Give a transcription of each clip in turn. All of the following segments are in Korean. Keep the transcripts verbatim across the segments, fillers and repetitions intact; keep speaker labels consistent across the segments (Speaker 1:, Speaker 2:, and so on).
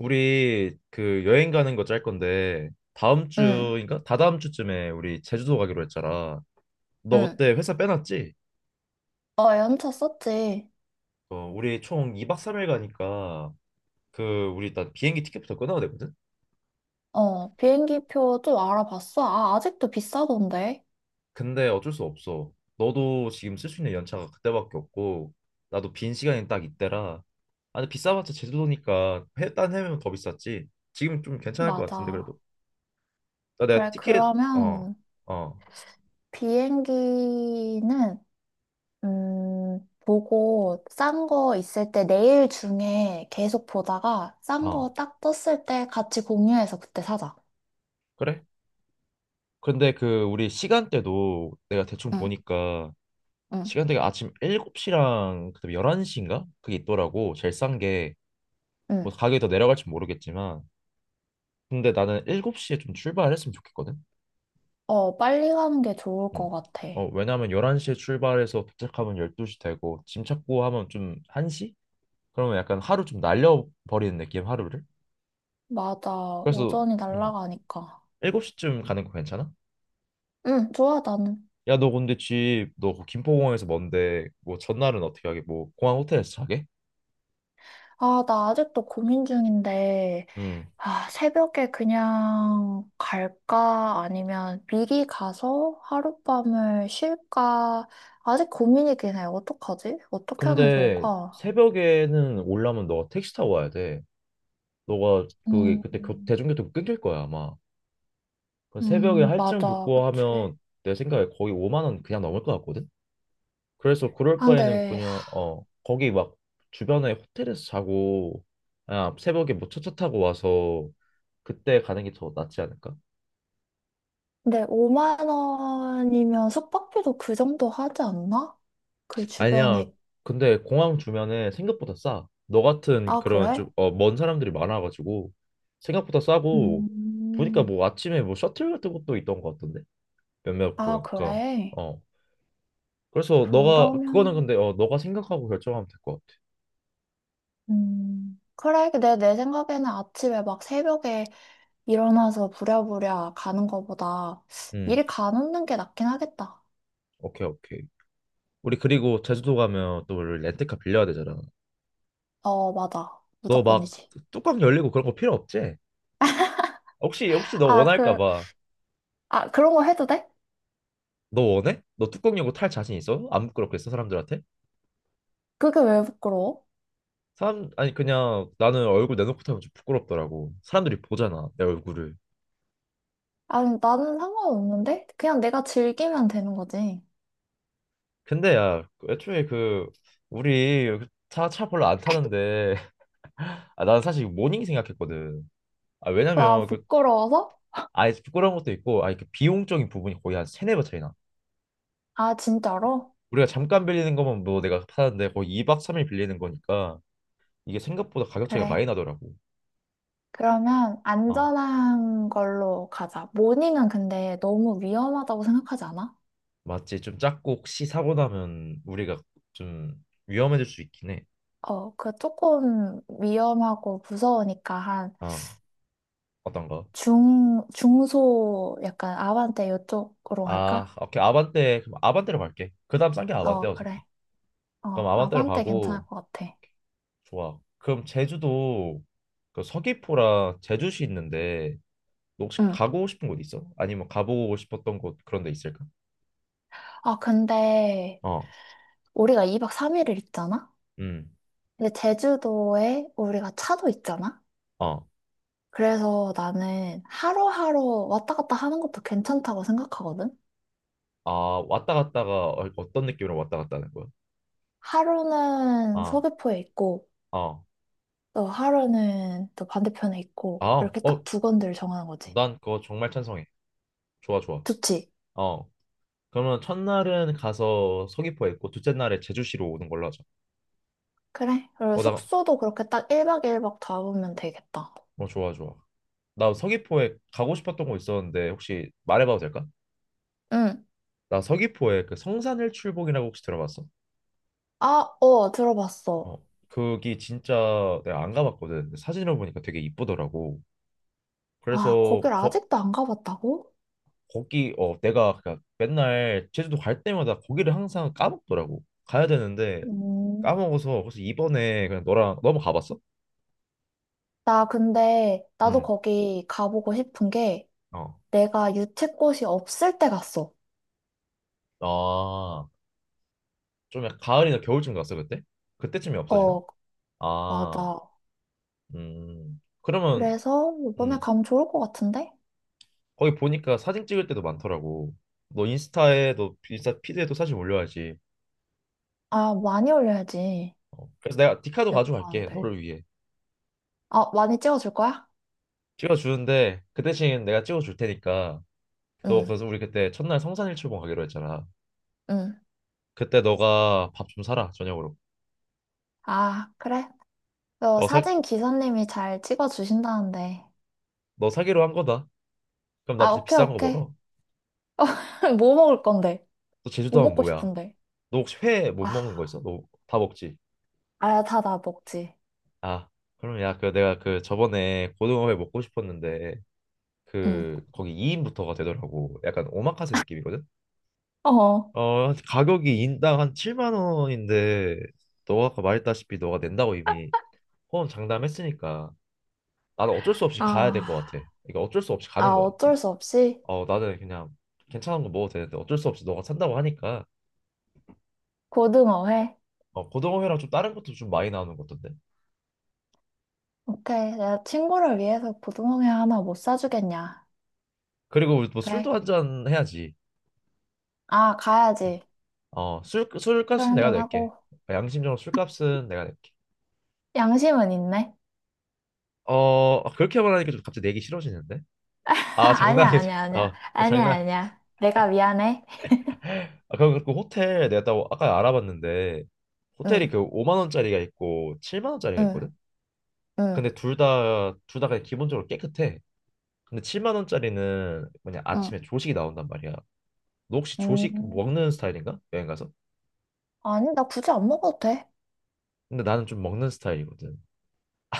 Speaker 1: 우리 그 여행 가는 거 짤 건데 다음
Speaker 2: 응,
Speaker 1: 주인가? 다다음 주쯤에 우리 제주도 가기로 했잖아. 너
Speaker 2: 응.
Speaker 1: 그때 회사 빼놨지?
Speaker 2: 어, 연차 썼지.
Speaker 1: 어, 우리 총 이 박 삼 일 가니까 그 우리 일단 비행기 티켓부터 끊어야 되거든?
Speaker 2: 어, 비행기표 좀 알아봤어. 아, 아직도 비싸던데.
Speaker 1: 근데 어쩔 수 없어. 너도 지금 쓸 수 있는 연차가 그때밖에 없고 나도 빈 시간이 딱 이때라. 아, 근데 비싸봤자 제주도니까 해, 딴 해면 더 비쌌지. 지금 좀 괜찮을 것 같은데
Speaker 2: 맞아.
Speaker 1: 그래도. 나 내가
Speaker 2: 그래,
Speaker 1: 티켓. 어,
Speaker 2: 그러면
Speaker 1: 어,
Speaker 2: 비행기는, 음, 보고 싼 거 있을 때 내일 중에 계속 보다가 싼
Speaker 1: 어.
Speaker 2: 거 딱 떴을 때 같이 공유해서 그때 사자.
Speaker 1: 그래? 근데 그 우리 시간대도 내가 대충
Speaker 2: 응,
Speaker 1: 보니까
Speaker 2: 응,
Speaker 1: 시간대가 아침 일곱 시랑 그다음에 열한 시인가? 그게 있더라고. 제일 싼 게 뭐
Speaker 2: 응.
Speaker 1: 가격이 더 내려갈지 모르겠지만 근데 나는 일곱 시에 좀 출발했으면 좋겠거든.
Speaker 2: 어, 빨리 가는 게 좋을
Speaker 1: 응.
Speaker 2: 것 같아.
Speaker 1: 어, 왜냐면 열한 시에 출발해서 도착하면 열두 시 되고 짐 찾고 하면 좀 한 시? 그러면 약간 하루 좀 날려버리는 느낌 하루를.
Speaker 2: 맞아.
Speaker 1: 그래서
Speaker 2: 오전이
Speaker 1: 음,
Speaker 2: 날아가니까.
Speaker 1: 일곱 시쯤 가는 거 괜찮아?
Speaker 2: 응, 좋아, 나는.
Speaker 1: 야, 너 근데 집 너 김포공항에서 먼데 뭐 전날은 어떻게 하게? 뭐 공항 호텔에서 자게?
Speaker 2: 아, 나 아직도 고민 중인데,
Speaker 1: 응.
Speaker 2: 아, 새벽에 그냥 갈까? 아니면 미리 가서 하룻밤을 쉴까? 아직 고민이긴 해. 어떡하지? 어떻게 하는 게
Speaker 1: 근데
Speaker 2: 좋을까?
Speaker 1: 새벽에는 올라면 너가 택시 타고 와야 돼. 너가 그게
Speaker 2: 음,
Speaker 1: 그때 교, 대중교통 끊길 거야 아마. 그 새벽에
Speaker 2: 음,
Speaker 1: 할증
Speaker 2: 맞아.
Speaker 1: 붙고
Speaker 2: 그치.
Speaker 1: 하면 내 생각에 거의 오만 원 그냥 넘을 것 같거든. 그래서 그럴
Speaker 2: 아,
Speaker 1: 바에는
Speaker 2: 근데,
Speaker 1: 그냥 어 거기 막 주변에 호텔에서 자고 아 새벽에 뭐 첫차 타고 와서 그때 가는 게 더 낫지 않을까?
Speaker 2: 근데 오만 원이면 숙박비도 그 정도 하지 않나? 그
Speaker 1: 아니야.
Speaker 2: 주변에,
Speaker 1: 근데 공항 주변에 생각보다 싸. 너 같은
Speaker 2: 아,
Speaker 1: 그런
Speaker 2: 그래?
Speaker 1: 좀 어, 먼 사람들이 많아가지고 생각보다 싸고 보니까
Speaker 2: 음,
Speaker 1: 뭐 아침에 뭐 셔틀 같은 것도 있던 것 같던데 몇몇
Speaker 2: 아,
Speaker 1: 공항가.
Speaker 2: 그래?
Speaker 1: 어. 그래서 너가 그거는
Speaker 2: 그러면,
Speaker 1: 근데 어 너가 생각하고 결정하면 될 것 같아.
Speaker 2: 음, 그래, 내, 내 생각에는 아침에 막 새벽에 일어나서 부랴부랴 가는 거보다
Speaker 1: 음.
Speaker 2: 일 가놓는 게 낫긴 하겠다.
Speaker 1: 오케이 오케이. 우리 그리고 제주도 가면 또 우리 렌트카 빌려야 되잖아.
Speaker 2: 어, 맞아.
Speaker 1: 너 막
Speaker 2: 무조건이지.
Speaker 1: 뚜껑 열리고 그런 거 필요 없지? 혹시 혹시 너
Speaker 2: 아,
Speaker 1: 원할까
Speaker 2: 그,
Speaker 1: 봐.
Speaker 2: 아, 그런 거 해도 돼?
Speaker 1: 너 원해? 너 뚜껑 열고 탈 자신 있어? 안 부끄럽겠어 사람들한테?
Speaker 2: 그게 왜 부끄러워?
Speaker 1: 사람 아니 그냥 나는 얼굴 내놓고 타면 좀 부끄럽더라고. 사람들이 보잖아 내 얼굴을.
Speaker 2: 아니, 나는 상관없는데? 그냥 내가 즐기면 되는 거지.
Speaker 1: 근데 야 그 애초에 그 우리 차 차 별로 안 타는데 아, 나는 사실 모닝 생각했거든. 아
Speaker 2: 아
Speaker 1: 왜냐면 그
Speaker 2: 부끄러워서?
Speaker 1: 아예 부끄러운 것도 있고 아그 비용적인 부분이 거의 한 세네 배 차이나.
Speaker 2: 아, 진짜로?
Speaker 1: 우리가 잠깐 빌리는 거면 뭐 내가 타는데 거의 이 박 삼 일 빌리는 거니까 이게 생각보다 가격 차이가
Speaker 2: 그래.
Speaker 1: 많이 나더라고.
Speaker 2: 그러면
Speaker 1: 아
Speaker 2: 안전한 걸로 가자. 모닝은 근데 너무 위험하다고 생각하지 않아?
Speaker 1: 맞지 좀 작고 혹시 사고 나면 우리가 좀 위험해질 수 있긴 해.
Speaker 2: 어, 그 조금 위험하고 무서우니까 한
Speaker 1: 아 어떤가?
Speaker 2: 중, 중소 약간 아반떼 이쪽으로
Speaker 1: 아,
Speaker 2: 갈까?
Speaker 1: 오케이. 아반떼. 그럼 아반떼로 갈게. 그다음 싼게 아반떼
Speaker 2: 어, 그래.
Speaker 1: 어차피. 그럼
Speaker 2: 어,
Speaker 1: 아반떼로
Speaker 2: 아반떼
Speaker 1: 가고
Speaker 2: 괜찮을 것 같아.
Speaker 1: 좋아. 그럼 제주도 그 서귀포랑 제주시 있는데 너 혹시
Speaker 2: 응.
Speaker 1: 가고 싶은 곳 있어? 아니면 가보고 싶었던 곳 그런 데 있을까?
Speaker 2: 아, 근데
Speaker 1: 어.
Speaker 2: 우리가 이 박 삼 일을 있잖아?
Speaker 1: 음.
Speaker 2: 근데 제주도에 우리가 차도 있잖아?
Speaker 1: 어.
Speaker 2: 그래서 나는 하루하루 왔다 갔다 하는 것도 괜찮다고 생각하거든?
Speaker 1: 아, 왔다 갔다가 어- 어떤 느낌으로 왔다 갔다 하는 거야?
Speaker 2: 하루는
Speaker 1: 아.
Speaker 2: 서귀포에 있고,
Speaker 1: 어.
Speaker 2: 또 하루는 또 반대편에 있고,
Speaker 1: 아.
Speaker 2: 이렇게 딱
Speaker 1: 어.
Speaker 2: 두 건들 정하는 거지.
Speaker 1: 난 그거 정말 찬성해. 좋아, 좋아.
Speaker 2: 좋지?
Speaker 1: 어. 그러면 첫날은 가서 서귀포에 있고 둘째 날에 제주시로 오는 걸로 하자.
Speaker 2: 그래. 그리고
Speaker 1: 어, 나
Speaker 2: 숙소도 그렇게 딱 일 박 일박 잡으면 되겠다.
Speaker 1: 어, 좋아, 좋아. 나 서귀포에 가고 싶었던 곳 있었는데 혹시 말해봐도 될까?
Speaker 2: 응.
Speaker 1: 나 서귀포에 그 성산일출봉이라고 혹시 들어봤어?
Speaker 2: 아, 어,
Speaker 1: 어,
Speaker 2: 들어봤어.
Speaker 1: 거기 진짜 내가 안 가봤거든. 근데 사진을 보니까 되게 이쁘더라고.
Speaker 2: 아,
Speaker 1: 그래서
Speaker 2: 거길
Speaker 1: 거,
Speaker 2: 아직도 안 가봤다고?
Speaker 1: 거기 어 내가 그 맨날 제주도 갈 때마다 거기를 항상 까먹더라고. 가야 되는데
Speaker 2: 음.
Speaker 1: 까먹어서 그래서 이번에 그냥 너랑 너무 가봤어?
Speaker 2: 나 근데, 나도
Speaker 1: 응.
Speaker 2: 거기 가보고 싶은 게,
Speaker 1: 어.
Speaker 2: 내가 유채꽃이 없을 때 갔어.
Speaker 1: 아, 좀 약간 가을이나 겨울쯤 갔어 그때? 그때쯤이 없어지나?
Speaker 2: 어,
Speaker 1: 아,
Speaker 2: 맞아.
Speaker 1: 음. 그러면
Speaker 2: 그래서 이번에
Speaker 1: 음.
Speaker 2: 가면 좋을 것 같은데?
Speaker 1: 거기 보니까 사진 찍을 때도 많더라고. 너 인스타에 너 인스타 피드에도 사진 올려야지.
Speaker 2: 아, 많이 올려야지.
Speaker 1: 어, 그래서 내가 디카도
Speaker 2: 여기
Speaker 1: 가져갈게.
Speaker 2: 가는데.
Speaker 1: 너를 위해.
Speaker 2: 아, 많이 찍어줄 거야?
Speaker 1: 찍어주는데 그 대신 내가 찍어줄 테니까 너
Speaker 2: 응,
Speaker 1: 그래서 우리 그때 첫날 성산일출봉 가기로 했잖아.
Speaker 2: 응.
Speaker 1: 그때 너가 밥 좀 사라 저녁으로.
Speaker 2: 아, 그래. 어,
Speaker 1: 너 사,
Speaker 2: 사진 기사님이 잘 찍어주신다는데.
Speaker 1: 너 사기로 한 거다. 그럼 나
Speaker 2: 아,
Speaker 1: 진짜
Speaker 2: 오케이,
Speaker 1: 비싼 거
Speaker 2: 오케이.
Speaker 1: 먹어.
Speaker 2: 뭐 먹을 건데?
Speaker 1: 너
Speaker 2: 뭐
Speaker 1: 제주도 하면
Speaker 2: 먹고
Speaker 1: 뭐야?
Speaker 2: 싶은데?
Speaker 1: 너 혹시 회 못
Speaker 2: 아,
Speaker 1: 먹는 거 있어? 너 다 먹지?
Speaker 2: 아야 다다 먹지.
Speaker 1: 아 그럼 야 그 내가 그 저번에 고등어회 먹고 싶었는데
Speaker 2: 응.
Speaker 1: 그 거기 이 인부터가 되더라고. 약간 오마카세 느낌이거든.
Speaker 2: 어.
Speaker 1: 어, 가격이 인당 한 칠만 원인데 너가 아까 말했다시피 너가 낸다고 이미 포함 장담했으니까 나는 어쩔 수 없이 가야 될 것 같아.
Speaker 2: 아,
Speaker 1: 그러니까 어쩔 수 없이 가는
Speaker 2: 아,
Speaker 1: 거야.
Speaker 2: 어쩔 수 없이
Speaker 1: 어, 나는 그냥 괜찮은 거 먹어도 되는데 어쩔 수 없이 너가 산다고 하니까
Speaker 2: 고등어회.
Speaker 1: 어, 고등어회랑 좀 다른 것도 좀 많이 나오는 것 같던데.
Speaker 2: 오케이. 내가 친구를 위해서 고등어회 하나 못 사주겠냐.
Speaker 1: 그리고 우리 뭐 술도
Speaker 2: 그래.
Speaker 1: 한 잔 해야지.
Speaker 2: 아, 가야지.
Speaker 1: 어, 술
Speaker 2: 술
Speaker 1: 술값은 내가 낼게.
Speaker 2: 한잔하고.
Speaker 1: 그러니까 양심적으로 술값은 내가 낼게.
Speaker 2: 양심은 있네.
Speaker 1: 어, 아, 그렇게 말하니까 좀 갑자기 내기 싫어지는데? 아,
Speaker 2: 아니야,
Speaker 1: 장난이야. 장-
Speaker 2: 아니야, 아니야.
Speaker 1: 어,
Speaker 2: 아니야,
Speaker 1: 장난.
Speaker 2: 아니야. 내가 미안해.
Speaker 1: 아, 그럼 그 호텔 내가 또 아까 알아봤는데 호텔이
Speaker 2: 응,
Speaker 1: 그 오만 원짜리가 있고 칠만 원짜리가
Speaker 2: 응,
Speaker 1: 있거든.
Speaker 2: 응,
Speaker 1: 근데 둘 다 둘 다 그냥 기본적으로 깨끗해. 근데 칠만 원짜리는 뭐냐
Speaker 2: 응.
Speaker 1: 아침에 조식이 나온단 말이야. 너 혹시 조식
Speaker 2: 음,
Speaker 1: 먹는 스타일인가? 여행 가서?
Speaker 2: 아니, 나 굳이 안 먹어도 돼.
Speaker 1: 근데 나는 좀 먹는 스타일이거든.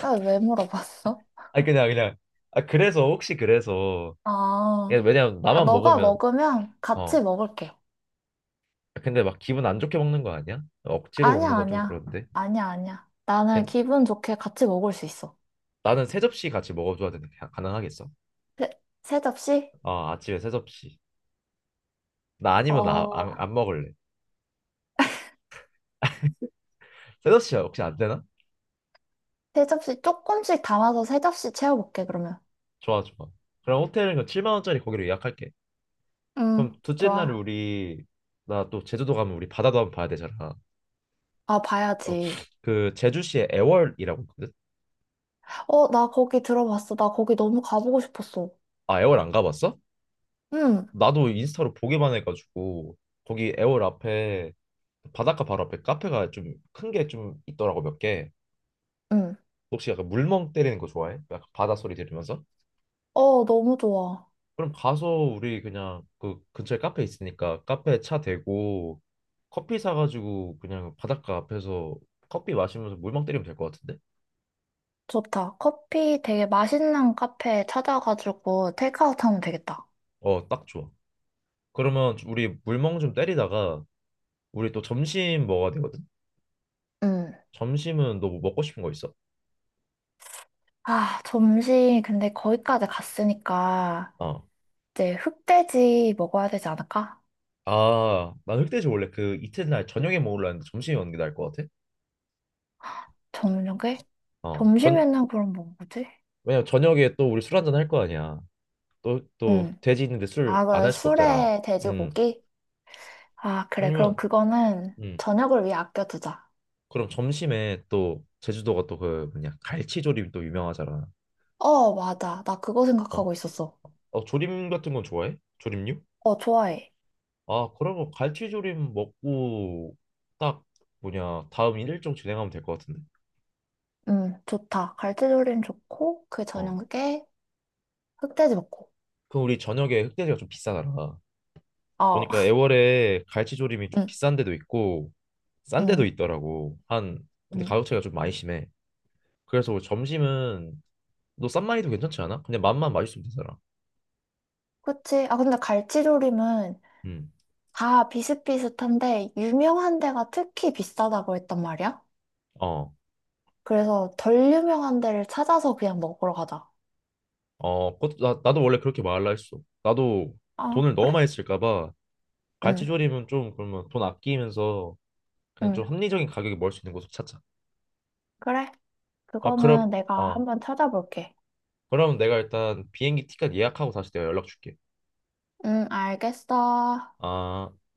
Speaker 2: 나 왜 물어봤어?
Speaker 1: 아니 그냥 그냥 아 그래서 혹시 그래서 이게
Speaker 2: 아.
Speaker 1: 왜냐면
Speaker 2: 아,
Speaker 1: 나만
Speaker 2: 너가
Speaker 1: 먹으면
Speaker 2: 먹으면
Speaker 1: 어
Speaker 2: 같이 먹을게.
Speaker 1: 아, 근데 막 기분 안 좋게 먹는 거 아니야? 억지로
Speaker 2: 아니야,
Speaker 1: 먹는 거 좀
Speaker 2: 아니야.
Speaker 1: 그런데.
Speaker 2: 아니야, 아니야. 나는
Speaker 1: 걔-
Speaker 2: 기분 좋게 같이 먹을 수 있어.
Speaker 1: 나는 세 접시 같이 먹어줘야 되는데 가- 가능하겠어?
Speaker 2: 세, 세 접시?
Speaker 1: 아 아침에 세 접시. 나 아니면 나
Speaker 2: 어,
Speaker 1: 안 안 먹을래. 셋업 씨 혹시 안 되나?
Speaker 2: 세 접시 조금씩 담아서 세 접시 채워볼게, 그러면.
Speaker 1: 좋아 좋아. 그럼 호텔은 그 칠만 원짜리 거기로 예약할게. 그럼
Speaker 2: 응,
Speaker 1: 둘째 날에
Speaker 2: 좋아.
Speaker 1: 우리 나 또 제주도 가면 우리 바다도 한번 봐야 되잖아.
Speaker 2: 아,
Speaker 1: 어,
Speaker 2: 봐야지.
Speaker 1: 그 제주시에 애월이라고 있거든.
Speaker 2: 어, 나 거기 들어봤어. 나 거기 너무 가보고 싶었어.
Speaker 1: 아 애월 안 가봤어?
Speaker 2: 응,
Speaker 1: 나도 인스타로 보기만 해가지고 거기 애월 앞에 바닷가 바로 앞에 카페가 좀 큰 게 좀 있더라고 몇 개.
Speaker 2: 응.
Speaker 1: 혹시 약간 물멍 때리는 거 좋아해? 약간 바다 소리 들으면서?
Speaker 2: 어, 너무 좋아.
Speaker 1: 그럼 가서 우리 그냥 그 근처에 카페 있으니까 카페 차 대고 커피 사가지고 그냥 바닷가 앞에서 커피 마시면서 물멍 때리면 될 것 같은데?
Speaker 2: 좋다. 커피 되게 맛있는 카페 찾아가지고 테이크아웃 하면 되겠다.
Speaker 1: 어, 딱 좋아. 그러면 좀 우리 물멍 좀 때리다가 우리 또 점심 먹어야 되거든?
Speaker 2: 응.
Speaker 1: 점심은 너 뭐 먹고 싶은 거 있어?
Speaker 2: 아, 점심 근데 거기까지 갔으니까.
Speaker 1: 어.
Speaker 2: 이제 흑돼지 먹어야 되지 않을까?
Speaker 1: 아, 난 흑돼지 원래 그 이튿날 저녁에 먹으려 했는데 점심에 먹는 게 나을 것 같아?
Speaker 2: 저녁에
Speaker 1: 어, 전,
Speaker 2: 점심에는 그럼 뭐 먹지?
Speaker 1: 왜냐면 저녁에 또 우리 술 한잔 할 거 아니야. 또, 또
Speaker 2: 응.
Speaker 1: 돼지 있는데 술
Speaker 2: 아,
Speaker 1: 안
Speaker 2: 그래.
Speaker 1: 할 수가 없잖아.
Speaker 2: 술에
Speaker 1: 음,
Speaker 2: 돼지고기? 아, 그래. 그럼
Speaker 1: 아니면,
Speaker 2: 그거는
Speaker 1: 음.
Speaker 2: 저녁을 위해 아껴두자.
Speaker 1: 그럼 점심에 또 제주도가 또 그 뭐냐 갈치조림 또 유명하잖아.
Speaker 2: 어, 맞아. 나 그거
Speaker 1: 어,
Speaker 2: 생각하고 있었어.
Speaker 1: 어 조림 같은 건 좋아해? 조림류?
Speaker 2: 어, 좋아해.
Speaker 1: 아 그러면 갈치조림 먹고 딱 뭐냐 다음 일정 진행하면 될 것 같은데.
Speaker 2: 응, 좋다. 갈치조림 좋고, 그
Speaker 1: 어,
Speaker 2: 저녁에 흑돼지 먹고.
Speaker 1: 그럼 우리 저녁에 흑돼지가 좀 비싸더라.
Speaker 2: 어,
Speaker 1: 보니까 애월에 갈치조림이 좀
Speaker 2: 응,
Speaker 1: 비싼 데도 있고 싼 데도
Speaker 2: 응,
Speaker 1: 있더라고. 한 근데
Speaker 2: 응.
Speaker 1: 가격 차이가 좀 많이 심해. 그래서 우리 점심은 너 싼마이도 괜찮지 않아? 그냥 맛만 맛있으면 되잖아.
Speaker 2: 그치? 아, 근데 갈치조림은
Speaker 1: 음.
Speaker 2: 다 비슷비슷한데, 유명한 데가 특히 비싸다고 했단 말이야?
Speaker 1: 어.
Speaker 2: 그래서 덜 유명한 데를 찾아서 그냥 먹으러 가자.
Speaker 1: 어, 그것도 나, 나도 원래 그렇게 말할라 했어. 나도
Speaker 2: 아,
Speaker 1: 돈을 너무
Speaker 2: 그래?
Speaker 1: 많이 쓸까 봐
Speaker 2: 응,
Speaker 1: 갈치조림은 좀 그러면 돈 아끼면서 그냥
Speaker 2: 응,
Speaker 1: 좀 합리적인 가격에 먹을 수 있는 곳을 찾자.
Speaker 2: 그래.
Speaker 1: 아, 그럼
Speaker 2: 그거는 내가
Speaker 1: 어,
Speaker 2: 한번 찾아볼게.
Speaker 1: 그럼 내가 일단 비행기 티켓 예약하고 다시 내가 연락 줄게.
Speaker 2: 응, 알겠어.
Speaker 1: 아.